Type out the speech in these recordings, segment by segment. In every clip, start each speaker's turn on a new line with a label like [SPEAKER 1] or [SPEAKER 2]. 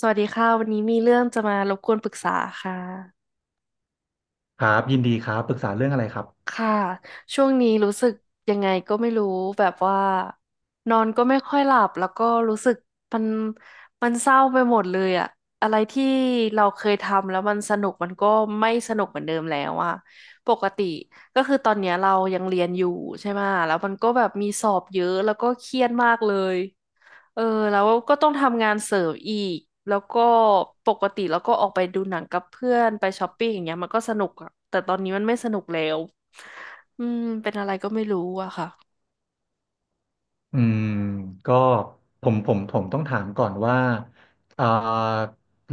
[SPEAKER 1] สวัสดีค่ะวันนี้มีเรื่องจะมารบกวนปรึกษาค่ะ
[SPEAKER 2] ครับยินดีครับปรึกษาเรื่องอะไรครับ
[SPEAKER 1] ค่ะช่วงนี้รู้สึกยังไงก็ไม่รู้แบบว่านอนก็ไม่ค่อยหลับแล้วก็รู้สึกมันมันเศร้าไปหมดเลยอะอะไรที่เราเคยทำแล้วมันสนุกมันก็ไม่สนุกเหมือนเดิมแล้วอะปกติก็คือตอนเนี้ยเรายังเรียนอยู่ใช่ไหมะแล้วมันก็แบบมีสอบเยอะแล้วก็เครียดมากเลย เออแล้วก็ต้องทำงานเสริมอีกแล้วก็ปกติแล้วก็ออกไปดูหนังกับเพื่อนไปช้อปปิ้งอย่างเงี้ยมันก็สนุกอะแต่ตอนนี้มันไม่สนุกแล้วอืมเป็นอะไรก็ไม่รู้อะค่ะ
[SPEAKER 2] อืมก็ผมต้องถามก่อนว่าเอ่อ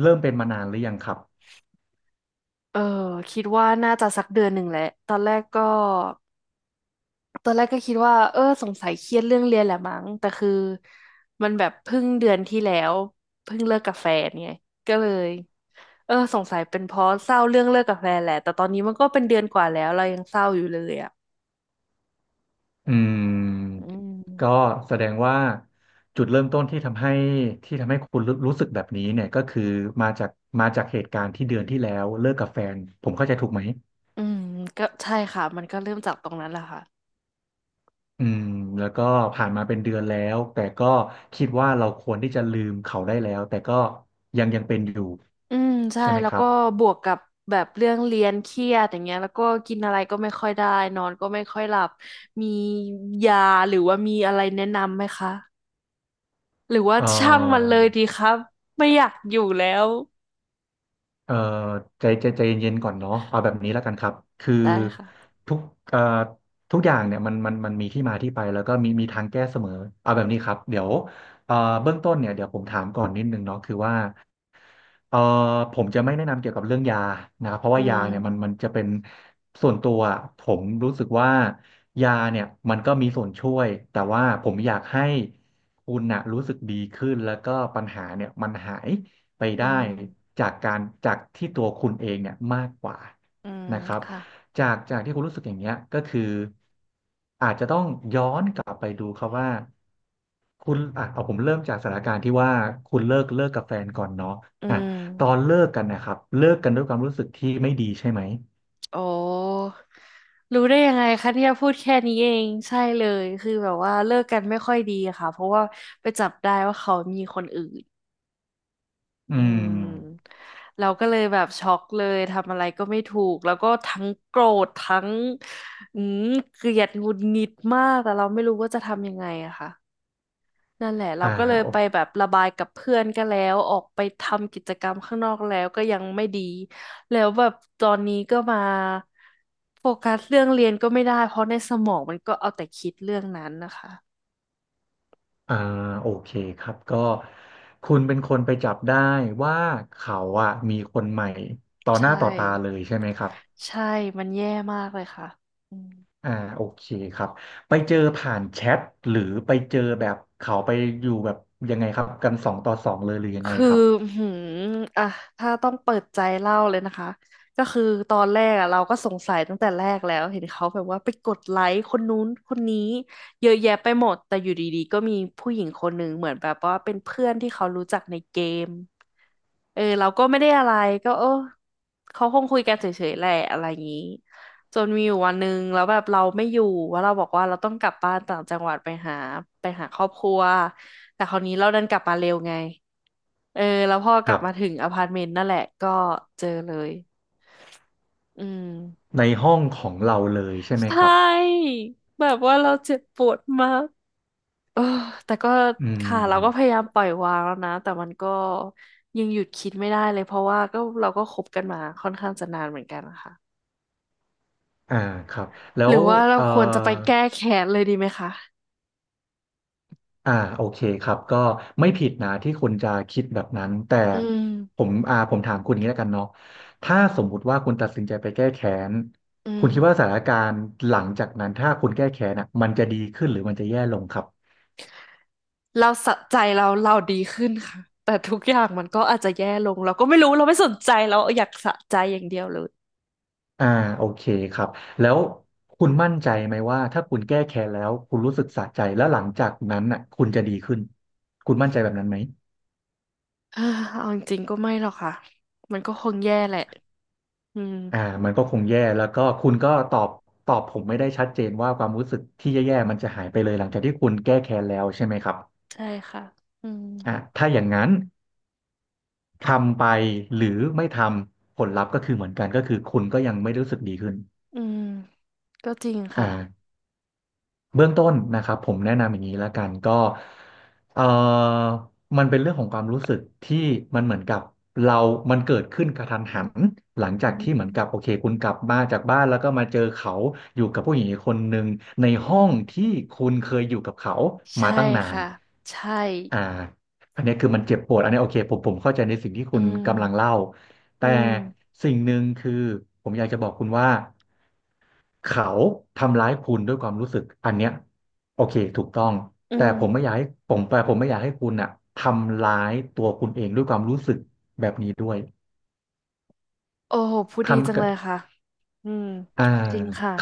[SPEAKER 2] เริ่มเป็นมานานหรือยังครับ
[SPEAKER 1] เออคิดว่าน่าจะสักเดือนหนึ่งแหละตอนแรกก็คิดว่าเออสงสัยเครียดเรื่องเรียนแหละมั้งแต่คือมันแบบเพิ่งเดือนที่แล้วเพิ่งเลิกกับแฟนไงก็เลยเออสงสัยเป็นเพราะเศร้าเรื่องเลิกกับแฟนแหละแต่ตอนนี้มันก็เป็นเดือนกว่าแล้วเรายังเศร้าอยู่เลยอะ
[SPEAKER 2] อื
[SPEAKER 1] อื
[SPEAKER 2] มก็
[SPEAKER 1] ม
[SPEAKER 2] แสดงว่าจุดเริ่มต้นที่ทำให้คุณรู้สึกแบบนี้เนี่ยก็คือมาจากเหตุการณ์ที่เดือนที่แล้วเลิกกับแฟนผมเข้าใจถูกไหม
[SPEAKER 1] อืมก็ใช่ค่ะมันก็เริ่มจากตรงนั้นแหละค่ะ
[SPEAKER 2] อืมแล้วก็ผ่านมาเป็นเดือนแล้วแต่ก็คิดว่าเราควรที่จะลืมเขาได้แล้วแต่ก็ยังเป็นอยู่
[SPEAKER 1] อืมใช่
[SPEAKER 2] ใช่ไหม
[SPEAKER 1] แล้ว
[SPEAKER 2] ครั
[SPEAKER 1] ก็
[SPEAKER 2] บ
[SPEAKER 1] บวกกับแบบเรื่องเรียนเครียดอย่างเงี้ยแล้วก็กินอะไรก็ไม่ค่อยได้นอนก็ไม่ค่อยหลับมียาหรือว่ามีอะไรแนะนำไหมคะหรือว่า
[SPEAKER 2] เอ่
[SPEAKER 1] ช่างมัน
[SPEAKER 2] อ
[SPEAKER 1] เลยดีครับไม่อยากอยู่แล้ว
[SPEAKER 2] เอ่อใจเย็นๆก่อนเนาะเอาแบบนี้แล้วกันครับคือ
[SPEAKER 1] ได้ค่ะ
[SPEAKER 2] ทุกเอ่อทุกอย่างเนี่ยมันมีที่มาที่ไปแล้วก็มีทางแก้เสมอเอาแบบนี้ครับเดี๋ยวเอ่อเบื้องต้นเนี่ยเดี๋ยวผมถามก่อนนิดนึงเนาะคือว่า เอ่อผมจะไม่แนะนำเกี่ยวกับเรื่องยานะครับเพราะ
[SPEAKER 1] อื
[SPEAKER 2] ว่ายาเนี่ยมัน
[SPEAKER 1] ม
[SPEAKER 2] จะเป็นส่วนตัวอะผมรู้สึกว่ายาเนี่ยมันก็มีส่วนช่วยแต่ว่าผมอยากให้คุณน่ะรู้สึกดีขึ้นแล้วก็ปัญหาเนี่ยมันหายไป
[SPEAKER 1] อื
[SPEAKER 2] ได้
[SPEAKER 1] ม
[SPEAKER 2] จากที่ตัวคุณเองเนี่ยมากกว่า
[SPEAKER 1] อืม
[SPEAKER 2] นะครับ
[SPEAKER 1] ค่ะ
[SPEAKER 2] จากที่คุณรู้สึกอย่างเงี้ยก็คืออาจจะต้องย้อนกลับไปดูครับว่า คุณอ่ะเอาผมเริ่มจากสถานการณ์ที่ว่าคุณเลิกกับแฟนก่อนเนาะ
[SPEAKER 1] อื
[SPEAKER 2] อ่ะ
[SPEAKER 1] ม
[SPEAKER 2] ตอนเลิกกันนะครับเลิกกันด้วยความรู้สึกที่ไม่ดีใช่ไหม
[SPEAKER 1] โอ้รู้ได้ยังไงคะเนี่ยพูดแค่นี้เองใช่เลยคือแบบว่าเลิกกันไม่ค่อยดีอะค่ะเพราะว่าไปจับได้ว่าเขามีคนอื่น
[SPEAKER 2] อื
[SPEAKER 1] อื
[SPEAKER 2] ม
[SPEAKER 1] มเราก็เลยแบบช็อกเลยทำอะไรก็ไม่ถูกแล้วก็ทั้งโกรธทั้งอืมเกลียดหงุดหงิดมากแต่เราไม่รู้ว่าจะทำยังไงอะค่ะ นั่นแหละเรา
[SPEAKER 2] อ่า
[SPEAKER 1] ก็เลย
[SPEAKER 2] โอ
[SPEAKER 1] ไปแบบระบายกับเพื่อนก็แล้วออกไปทำกิจกรรมข้างนอกแล้วก็ยังไม่ดีแล้วแบบตอนนี้ก็มาโฟกัสเรื่องเรียนก็ไม่ได้เพราะในสมองมันก็เอาแต่คิดเรื่องนั้นนะคะ
[SPEAKER 2] อ่าโอเคครับก็คุณเป็นคนไปจับได้ว่าเขาอ่ะมีคนใหม่ต่อหน้า
[SPEAKER 1] ใช่
[SPEAKER 2] ต่อตาเลยใช่ไหมครับ
[SPEAKER 1] ใช่มันแย่มากเลยค่ะอืม
[SPEAKER 2] อ่าโอเคครับไปเจอผ่านแชทหรือไปเจอแบบเขาไปอยู่แบบยังไงครับกันสองต่อสองเลยหรือยังไง
[SPEAKER 1] คือ
[SPEAKER 2] ครับ
[SPEAKER 1] หืมอ่ะถ้าต้องเปิดใจเล่าเลยนะคะก็คือตอนแรกอะเราก็สงสัยตั้งแต่แรกแล้วเห็นเขาแบบว่าไปกดไลค์คนนู้นคนนี้เยอะแยะไปหมดแต่อยู่ดีๆก็มีผู้หญิงคนหนึ่งเหมือนแบบว่าเป็นเพื่อนที่เขารู้จักในเกมเออเราก็ไม่ได้อะไรก็เออเขาคงคุยกันเฉยๆแหละอะไรอย่างนี้จนมีอยู่วันหนึ่งแล้วแบบเราไม่อยู่ว่าเราบอกว่าเราต้องกลับบ้านต่างจังหวัดไปหาครอบครัวแต่คราวนี้เราดันกลับมาเร็วไง เออแล้วพอก
[SPEAKER 2] ค
[SPEAKER 1] ลั
[SPEAKER 2] รั
[SPEAKER 1] บ
[SPEAKER 2] บ
[SPEAKER 1] มาถึงอพาร์ตเมนต์นั่นแหละก็เจอเลยอืม
[SPEAKER 2] ในห้องของเราเลยใช่ไห
[SPEAKER 1] ใช
[SPEAKER 2] มครับ
[SPEAKER 1] ่แบบว่าเราเจ็บปวดมากเออแต่ก็
[SPEAKER 2] อืม
[SPEAKER 1] ค่ะเราก็พยายามปล่อยวางแล้วนะแต่มันก็ยังหยุดคิดไม่ได้เลยเพราะว่าก็เราก็คบกันมาค่อนข้างจะนานเหมือนกันนะคะ
[SPEAKER 2] อ่าครับ แล้
[SPEAKER 1] ห
[SPEAKER 2] ว
[SPEAKER 1] รือว่าเรา
[SPEAKER 2] เอ่อ
[SPEAKER 1] ควรจะไปแก้แค้นเลยดีไหมคะ
[SPEAKER 2] อ่าโอเคครับก็ไม่ผิดนะที่คุณจะคิดแบบนั้นแต่
[SPEAKER 1] อืม
[SPEAKER 2] ผมถามคุณอย่างนี้แล้วกันเนาะถ้าสมมุติว่าคุณตัดสินใจไปแก้แค้น
[SPEAKER 1] อื
[SPEAKER 2] คุณคิดว่าส
[SPEAKER 1] ม
[SPEAKER 2] ถานการณ์หลังจากนั้นถ้าคุณแก้แค้นอ่ะมันจะดีขึ้นหรือมันจะแย่ลงครับ
[SPEAKER 1] เราสะใจเราดีขึ้นค่ะแต่ทุกอย่างมันก็อาจจะแย่ลงเราก็ไม่รู้เราไม่สนใจเราอยากสะใจอย่างเดียวเลย
[SPEAKER 2] อ่าโอเคครับแล้วคุณมั่นใจไหมว่าถ้าคุณแก้แค้นแล้วคุณรู้สึกสะใจแล้วหลังจากนั้นน่ะคุณจะดีขึ้นคุณมั่นใจแบบนั้นไหม
[SPEAKER 1] เออเอาจริงๆก็ไม่หรอกค่ะมันก็คงแย่แหละอืม
[SPEAKER 2] อ่ามันก็คงแย่แล้วก็คุณก็ตอบผมไม่ได้ชัดเจนว่าความรู้สึกที่แย่ๆมันจะหายไปเลยหลังจากที่คุณแก้แค้นแล้วใช่ไหมครับ
[SPEAKER 1] ใช่ค่ะอืม
[SPEAKER 2] อ่าถ้าอย่างนั้นทำไปหรือไม่ทำผลลัพธ์ก็คือเหมือนกันก็คือคุณก็ยังไม่รู้สึกดีขึ้น
[SPEAKER 1] อืมก็จริง
[SPEAKER 2] อ่า
[SPEAKER 1] ค่ะ
[SPEAKER 2] เบื้องต้นนะครับผมแนะนำอย่างนี้ละกันก็เอ่อมันเป็นเรื่องของความรู้สึกที่มันเหมือนกับเรามันเกิดขึ้นกระทันหันหลังจา
[SPEAKER 1] อื
[SPEAKER 2] กที่เหมือนกับโอ
[SPEAKER 1] ม
[SPEAKER 2] เคคุณกลับมาจากบ้านแล้วก็มาเจอเขาอยู่กับผู้หญิงอีกคนหนึ่งใน
[SPEAKER 1] อื
[SPEAKER 2] ห้อง
[SPEAKER 1] ม
[SPEAKER 2] ที่คุณเคยอยู่กับเขามา
[SPEAKER 1] ใช่
[SPEAKER 2] ตั้งนาน
[SPEAKER 1] ค่ะใช่
[SPEAKER 2] อ่าอันนี้คือมันเจ็บปวดอันนี้โอเคผมเข้าใจในสิ่งที่
[SPEAKER 1] อื
[SPEAKER 2] คุณกำลัง
[SPEAKER 1] ม
[SPEAKER 2] เล่า
[SPEAKER 1] อื
[SPEAKER 2] แต่
[SPEAKER 1] ม
[SPEAKER 2] สิ่งหนึ่งคือผมอยากจะบอกคุณว่า เขาทำร้ายคุณด้วยความรู้สึกอันเนี้ยโอเคถูกต้อง
[SPEAKER 1] อื
[SPEAKER 2] แต่
[SPEAKER 1] ม
[SPEAKER 2] ผมไม่อยากให้คุณอ่ะทำร้ายตัวคุณเองด้วยความรู้สึกแบบนี้ด้วย
[SPEAKER 1] โอ้โหพูดดีจั
[SPEAKER 2] คำ
[SPEAKER 1] ง
[SPEAKER 2] กั
[SPEAKER 1] เล
[SPEAKER 2] บ
[SPEAKER 1] ยค่ะอืม
[SPEAKER 2] อ่า
[SPEAKER 1] จริงค่ะ
[SPEAKER 2] ค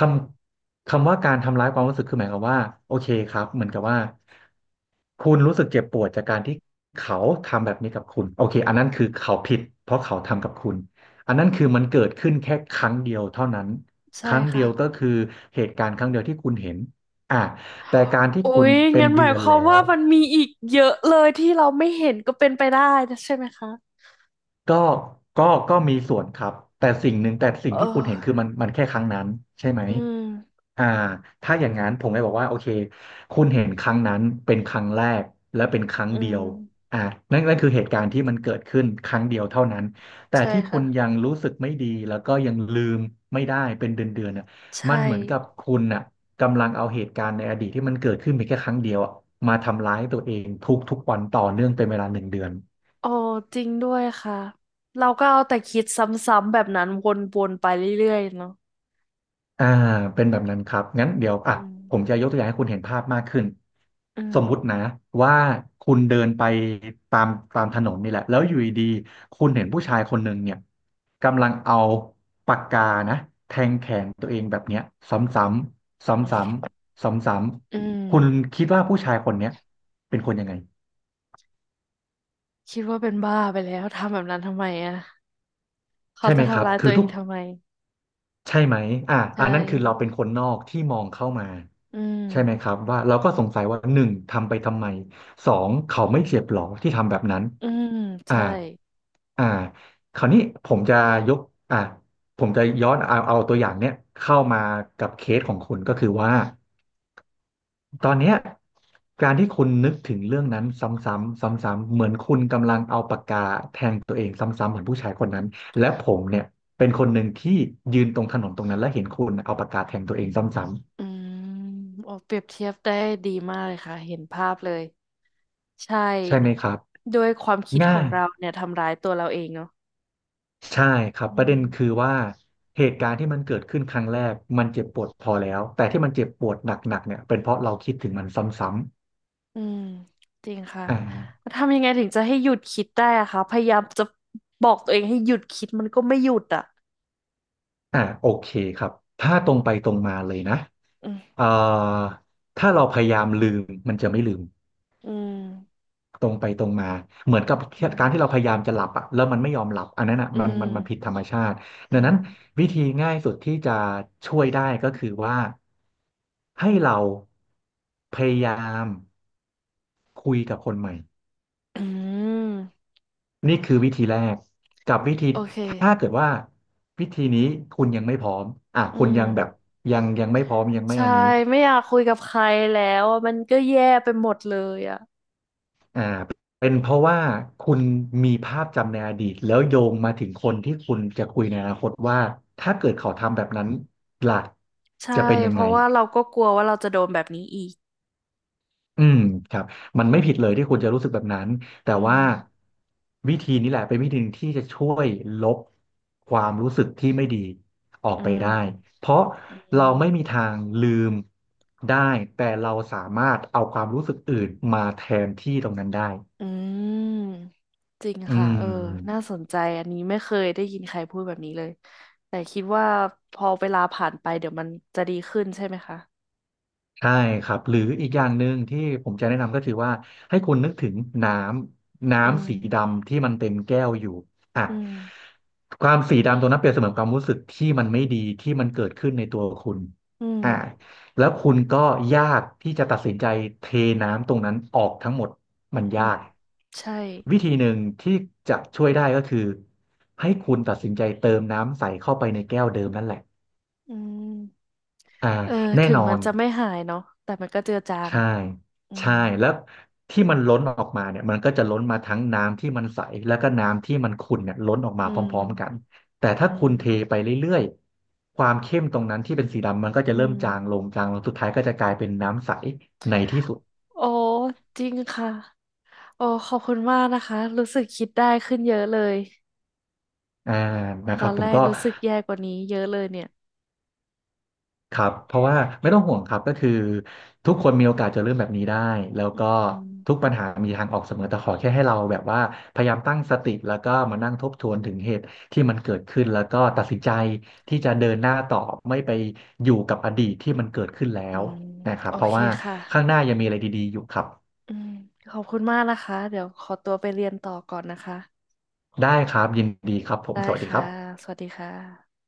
[SPEAKER 2] คำว่าการทำร้ายความรู้สึกคือหมายความว่าโอเคครับเหมือนกับว่า คุณรู้สึกเจ็บปวดจากการที่เขาทำแบบนี้กับคุณโอเคอันนั้นคือเขาผิดเพราะเขาทำกับคุณอันนั้นคือมันเกิดขึ้นแค่ครั้งเดียวเท่านั้นค
[SPEAKER 1] ใช่
[SPEAKER 2] รั้งเดี
[SPEAKER 1] ค่ะ
[SPEAKER 2] ยวก็คือเหตุการณ์ครั้งเดียวที่คุณเห็นอ่ะแต่การที่
[SPEAKER 1] อุ๊
[SPEAKER 2] คุณ
[SPEAKER 1] ย
[SPEAKER 2] เป็น
[SPEAKER 1] งั้นห
[SPEAKER 2] เดื
[SPEAKER 1] มาย
[SPEAKER 2] อน
[SPEAKER 1] ควา
[SPEAKER 2] แล้
[SPEAKER 1] ม
[SPEAKER 2] ว
[SPEAKER 1] ว่ามันมีอีกเยอะเลยที่เราไม่เห็นก็เป็นไปได้นะใช่ไหมคะ
[SPEAKER 2] ก็ก็ก็มีส่วนครับ แต่สิ่งหนึ่งแต่สิ่ง
[SPEAKER 1] เอ
[SPEAKER 2] ที่คุณเห็นคือ
[SPEAKER 1] อ
[SPEAKER 2] มันแค่ครั้งนั้นใช่ไหม
[SPEAKER 1] อืม
[SPEAKER 2] อ่าถ้าอย่างนั้นผมเลยบอกว่าโอเคคุณเห็นครั้งนั้นเป็นครั้งแรกและเป็นครั้ง
[SPEAKER 1] อื
[SPEAKER 2] เดีย
[SPEAKER 1] ม
[SPEAKER 2] วอ่านั่นคือเหตุการณ์ที่มันเกิดขึ้นครั้งเดียวเท่านั้นแต่
[SPEAKER 1] ใช่
[SPEAKER 2] ที่คุ
[SPEAKER 1] ค่ะ
[SPEAKER 2] ณยังรู้สึกไม่ดีแล้วก็ยังลืมไม่ได้เป็นเดือนน่ะมั
[SPEAKER 1] ใช่
[SPEAKER 2] นเหมือนกับคุณน่ะกำลังเอาเหตุการณ์ในอดีตที่มันเกิดขึ้นเพียงแค่ครั้งเดียวอะมาทำร้ายตัวเองทุกวันต่อเนื่องเป็นเวลาหนึ่งเดือน
[SPEAKER 1] โอ้จริงด้วยค่ะเราก็เอาแต่คิดซ้ำๆแบบนั้นวนๆไปเรื่อยๆเนาะ
[SPEAKER 2] อ่าเป็นแบบนั้นครับงั้นเดี๋ยว
[SPEAKER 1] อื
[SPEAKER 2] อ่ะ
[SPEAKER 1] ม
[SPEAKER 2] ผมจะยกตัวอย่างให้คุณเห็นภาพมากขึ้น
[SPEAKER 1] อืม
[SPEAKER 2] สมมุตินะว่าคุณเดินไปตามตามถนนนี่แหละแล้วอยู่ดีๆคุณเห็นผู้ชายคนหนึ่งเนี่ยกำลังเอาปากกานะแทงแขนตัวเองแบบเนี้ยซ้ำๆซ้ำๆซ
[SPEAKER 1] อื
[SPEAKER 2] ้ำ
[SPEAKER 1] ม
[SPEAKER 2] ๆคุณคิดว่าผู้ชายคนเนี้ยเป็นคนยังไง
[SPEAKER 1] คิดว่าเป็นบ้าไปแล้วทำแบบนั้นทำไมอ่ะเขา
[SPEAKER 2] ใช่ไห
[SPEAKER 1] จะ
[SPEAKER 2] มครั
[SPEAKER 1] ทำ
[SPEAKER 2] บ
[SPEAKER 1] ร้าย
[SPEAKER 2] คื
[SPEAKER 1] ตั
[SPEAKER 2] อ
[SPEAKER 1] วเอ
[SPEAKER 2] ทุ
[SPEAKER 1] ง
[SPEAKER 2] ก
[SPEAKER 1] ทำไม
[SPEAKER 2] ใช่ไหมอ่า
[SPEAKER 1] ใช
[SPEAKER 2] อันนั้นคือเราเป็น
[SPEAKER 1] ่
[SPEAKER 2] คนนอกที่มองเข้ามา
[SPEAKER 1] อื
[SPEAKER 2] ใช่ไหมครั
[SPEAKER 1] ม
[SPEAKER 2] บว่าเราก็สงสัยว่าหนึ่งทำไปทำไมสองเขาไม่เจ็บหรอที่ทำแบบนั้น
[SPEAKER 1] อืม
[SPEAKER 2] อ่า
[SPEAKER 1] ใช่
[SPEAKER 2] อ่าคราวนี้ผมจะยกอ่าผมจะย้อนเอาตัวอย่างเนี้ยเข้ามากับเคสของคุณก็คือว่า ตอนเนี้ยการที่คุณนึกถึงเรื่องนั้นซ้ำๆซ้ำๆเหมือนคุณกำลังเอาปากกาแทงตัวเองซ้ำๆเหมือนผู้ชายคนนั้นและผมเนี่ยเป็นคนหนึ่งที่ยืนตรงถนนตรงนั้นและเห็นคุณเอาปากกาแทงตัวเองซ้
[SPEAKER 1] อืมโอ้เปรียบเทียบได้ดีมากเลยค่ะเห็นภาพเลยใช
[SPEAKER 2] ำๆใช่ไหม
[SPEAKER 1] ่
[SPEAKER 2] ครับ
[SPEAKER 1] ด้วยความคิดข
[SPEAKER 2] ง่า
[SPEAKER 1] อง
[SPEAKER 2] ย
[SPEAKER 1] เราเนี่ยทำร้ายตัวเราเองเนาะ
[SPEAKER 2] ใช่ครับ
[SPEAKER 1] อื
[SPEAKER 2] ประเด็นคือ
[SPEAKER 1] ม
[SPEAKER 2] ว่าเหตุการณ์ที่มันเกิดขึ้นครั้งแรกมันเจ็บปวดพอแล้วแต่ที่มันเจ็บปวดหนักๆเนี่ยเป็นเพราะเราคิดถึงมันซ้ำ
[SPEAKER 1] อืมจริงค่ะ
[SPEAKER 2] ๆ
[SPEAKER 1] แล้วทำยังไงถึงจะให้หยุดคิดได้อะคะพยายามจะบอกตัวเองให้หยุดคิดมันก็ไม่หยุดอะ
[SPEAKER 2] โอเคครับถ้าตรงไปตรงมาเลยนะ
[SPEAKER 1] อืม
[SPEAKER 2] เอ่อถ้าเราพยายามลืมมันจะไม่ลืม
[SPEAKER 1] อืม
[SPEAKER 2] ตรงไปตรงมาเหมือนกับการที่เราพยายามจะหลับอะแล้วมันไม่ยอมหลับอันนั้นอะ
[SPEAKER 1] อื
[SPEAKER 2] มันผิด
[SPEAKER 1] ม
[SPEAKER 2] ธรรมชาติ
[SPEAKER 1] อื
[SPEAKER 2] ดัง
[SPEAKER 1] ม
[SPEAKER 2] นั้
[SPEAKER 1] อื
[SPEAKER 2] น
[SPEAKER 1] ม
[SPEAKER 2] วิธีง่ายสุดที่จะช่วยได้ก็คือว่าให้เราพยายามคุยกับคนใหม่
[SPEAKER 1] อืม
[SPEAKER 2] นี่คือวิธีแรกกับวิธี
[SPEAKER 1] โอเค
[SPEAKER 2] ถ้าเกิดว่าวิธีนี้คุณยังไม่พร้อมอ่ะ
[SPEAKER 1] อื
[SPEAKER 2] คุณ
[SPEAKER 1] ม
[SPEAKER 2] ยังแบบยังไม่พร้อมยังไม่
[SPEAKER 1] ใช่
[SPEAKER 2] อันนี้
[SPEAKER 1] ไม่อยากคุยกับใครแล้วอะมันก็แย่ไปหมดเลยอะ
[SPEAKER 2] อ่าเป็นเพราะว่าคุณมีภาพจำในอดีตแล้วโยงมาถึงคนที่คุณจะคุยในอนาคตว่าถ้าเกิดเขาทำแบบนั้นล่ะ
[SPEAKER 1] ใช่
[SPEAKER 2] จะเป็นยั
[SPEAKER 1] เพ
[SPEAKER 2] งไง
[SPEAKER 1] ราะว่าเราก็กลัวว่าเราจะโดนแบบนี้อีก
[SPEAKER 2] อืมครับมันไม่ผิดเลยที่คุณจะรู้สึกแบบนั้น
[SPEAKER 1] อื
[SPEAKER 2] แต่ว่า
[SPEAKER 1] ม
[SPEAKER 2] วิธีนี้แหละเป็นวิธีหนึ่งที่จะช่วยลบความรู้สึกที่ไม่ดีออก
[SPEAKER 1] อื
[SPEAKER 2] ไปได้
[SPEAKER 1] ม
[SPEAKER 2] เพราะ
[SPEAKER 1] อื
[SPEAKER 2] เรา
[SPEAKER 1] ม
[SPEAKER 2] ไม่มีทางลืมได้แต่เราสามารถเอาความรู้สึกอื่นมาแทนที่ตรงนั้นได้
[SPEAKER 1] อืมจริง
[SPEAKER 2] อื
[SPEAKER 1] ค่ะ
[SPEAKER 2] ม
[SPEAKER 1] เออน่าสนใจอันนี้ไม่เคยได้ยินใครพูดแบบนี้เลยแต่คิดว่าพอเวลาผ่านไปเดี๋ยวมันจะดีขึ้นใช่ไหมคะ
[SPEAKER 2] ใช่ครับหรืออีกอย่างหนึ่งที่ผมจะแนะนำก็คือว่าให้คุณนึกถึงน้ำ
[SPEAKER 1] อืม
[SPEAKER 2] น้ำสีดำที่มันเต็มแก้วอยู่อ่ะ
[SPEAKER 1] อืม
[SPEAKER 2] ความสีดำตรงนั้นเปรียบเสมือนความรู้สึกที่มันไม่ดีที่มันเกิดขึ้นในตัวคุณ
[SPEAKER 1] อื
[SPEAKER 2] อ่ะ
[SPEAKER 1] ม
[SPEAKER 2] แล้วคุณก็ยากที่จะตัดสินใจเทน้ำตรงนั้นออกทั้งหมดมัน
[SPEAKER 1] อื
[SPEAKER 2] ยา
[SPEAKER 1] ม
[SPEAKER 2] ก
[SPEAKER 1] ใช่
[SPEAKER 2] วิธีหนึ่งที่จะช่วยได้ก็คือให้คุณตัดสินใจเติมน้ำใสเข้าไปในแก้วเดิมนั่นแหละ
[SPEAKER 1] อืม
[SPEAKER 2] อ่า
[SPEAKER 1] เออ
[SPEAKER 2] แน่
[SPEAKER 1] ถึง
[SPEAKER 2] นอ
[SPEAKER 1] มัน
[SPEAKER 2] น
[SPEAKER 1] จะไม่หายเนาะแต่มันก็เจือจาง
[SPEAKER 2] ใช่
[SPEAKER 1] อืม
[SPEAKER 2] ใช่ แล้วที่มันล้นออกมาเนี่ยมันก็จะล้นมาทั้งน้ำที่มันใส แล้วก็น้ำที่มันขุ่นเนี่ยล้นออกมา
[SPEAKER 1] อื
[SPEAKER 2] พ
[SPEAKER 1] ม
[SPEAKER 2] ร้อมๆกันแต่ถ้า
[SPEAKER 1] อื
[SPEAKER 2] คุณเทไป
[SPEAKER 1] ม
[SPEAKER 2] เรื่อยๆความเข้มตรงนั้นที่เป็นสีดำมันก็
[SPEAKER 1] อื
[SPEAKER 2] จะเริ่
[SPEAKER 1] ม
[SPEAKER 2] มจางลงจางลงสุดท้ายก็จะกลายเป็นน้ำใสในที่สุด
[SPEAKER 1] โอ้จริงค่ะโอ้ขอบคุณมากนะคะรู้สึกคิดได้ขึ้นเยอะเลย
[SPEAKER 2] อ่านะ
[SPEAKER 1] ต
[SPEAKER 2] ครั
[SPEAKER 1] อ
[SPEAKER 2] บ
[SPEAKER 1] น
[SPEAKER 2] ผ
[SPEAKER 1] แร
[SPEAKER 2] ม
[SPEAKER 1] ก
[SPEAKER 2] ก็
[SPEAKER 1] รู้สึกแย่กว่านี้เยอะเลยเนี่ย
[SPEAKER 2] ครับเพราะว่าไม่ต้องห่วงครับก็คือทุกคนมีโอกาสจะเริ่มแบบนี้ได้แล้วก็
[SPEAKER 1] อื
[SPEAKER 2] ทุก
[SPEAKER 1] ม
[SPEAKER 2] ปัญหามีทางออกเสมอแต่ขอแค่ให้เราแบบว่าพยายามตั้งสติแล้วก็มานั่งทบทวนถึงเหตุที่มันเกิดขึ้นแล้วก็ตัดสินใจที่จะเดินหน้าต่อไม่ไปอยู่กับอดีตที่มันเกิดขึ้นแล้
[SPEAKER 1] อื
[SPEAKER 2] ว
[SPEAKER 1] ม
[SPEAKER 2] นะครั
[SPEAKER 1] โอ
[SPEAKER 2] บเพราะ
[SPEAKER 1] เค
[SPEAKER 2] ว่า
[SPEAKER 1] ค่ะ
[SPEAKER 2] ข้างหน้ายังมีอะไรดีๆอยู่ครับ
[SPEAKER 1] อืมขอบคุณมากนะคะเดี๋ยวขอตัวไปเรียนต่อก่อนนะคะ
[SPEAKER 2] ได้ครับยินดีครับผม
[SPEAKER 1] ได้
[SPEAKER 2] สวัสดีครั
[SPEAKER 1] ค่ะ
[SPEAKER 2] บ
[SPEAKER 1] สวัสดีค่ะ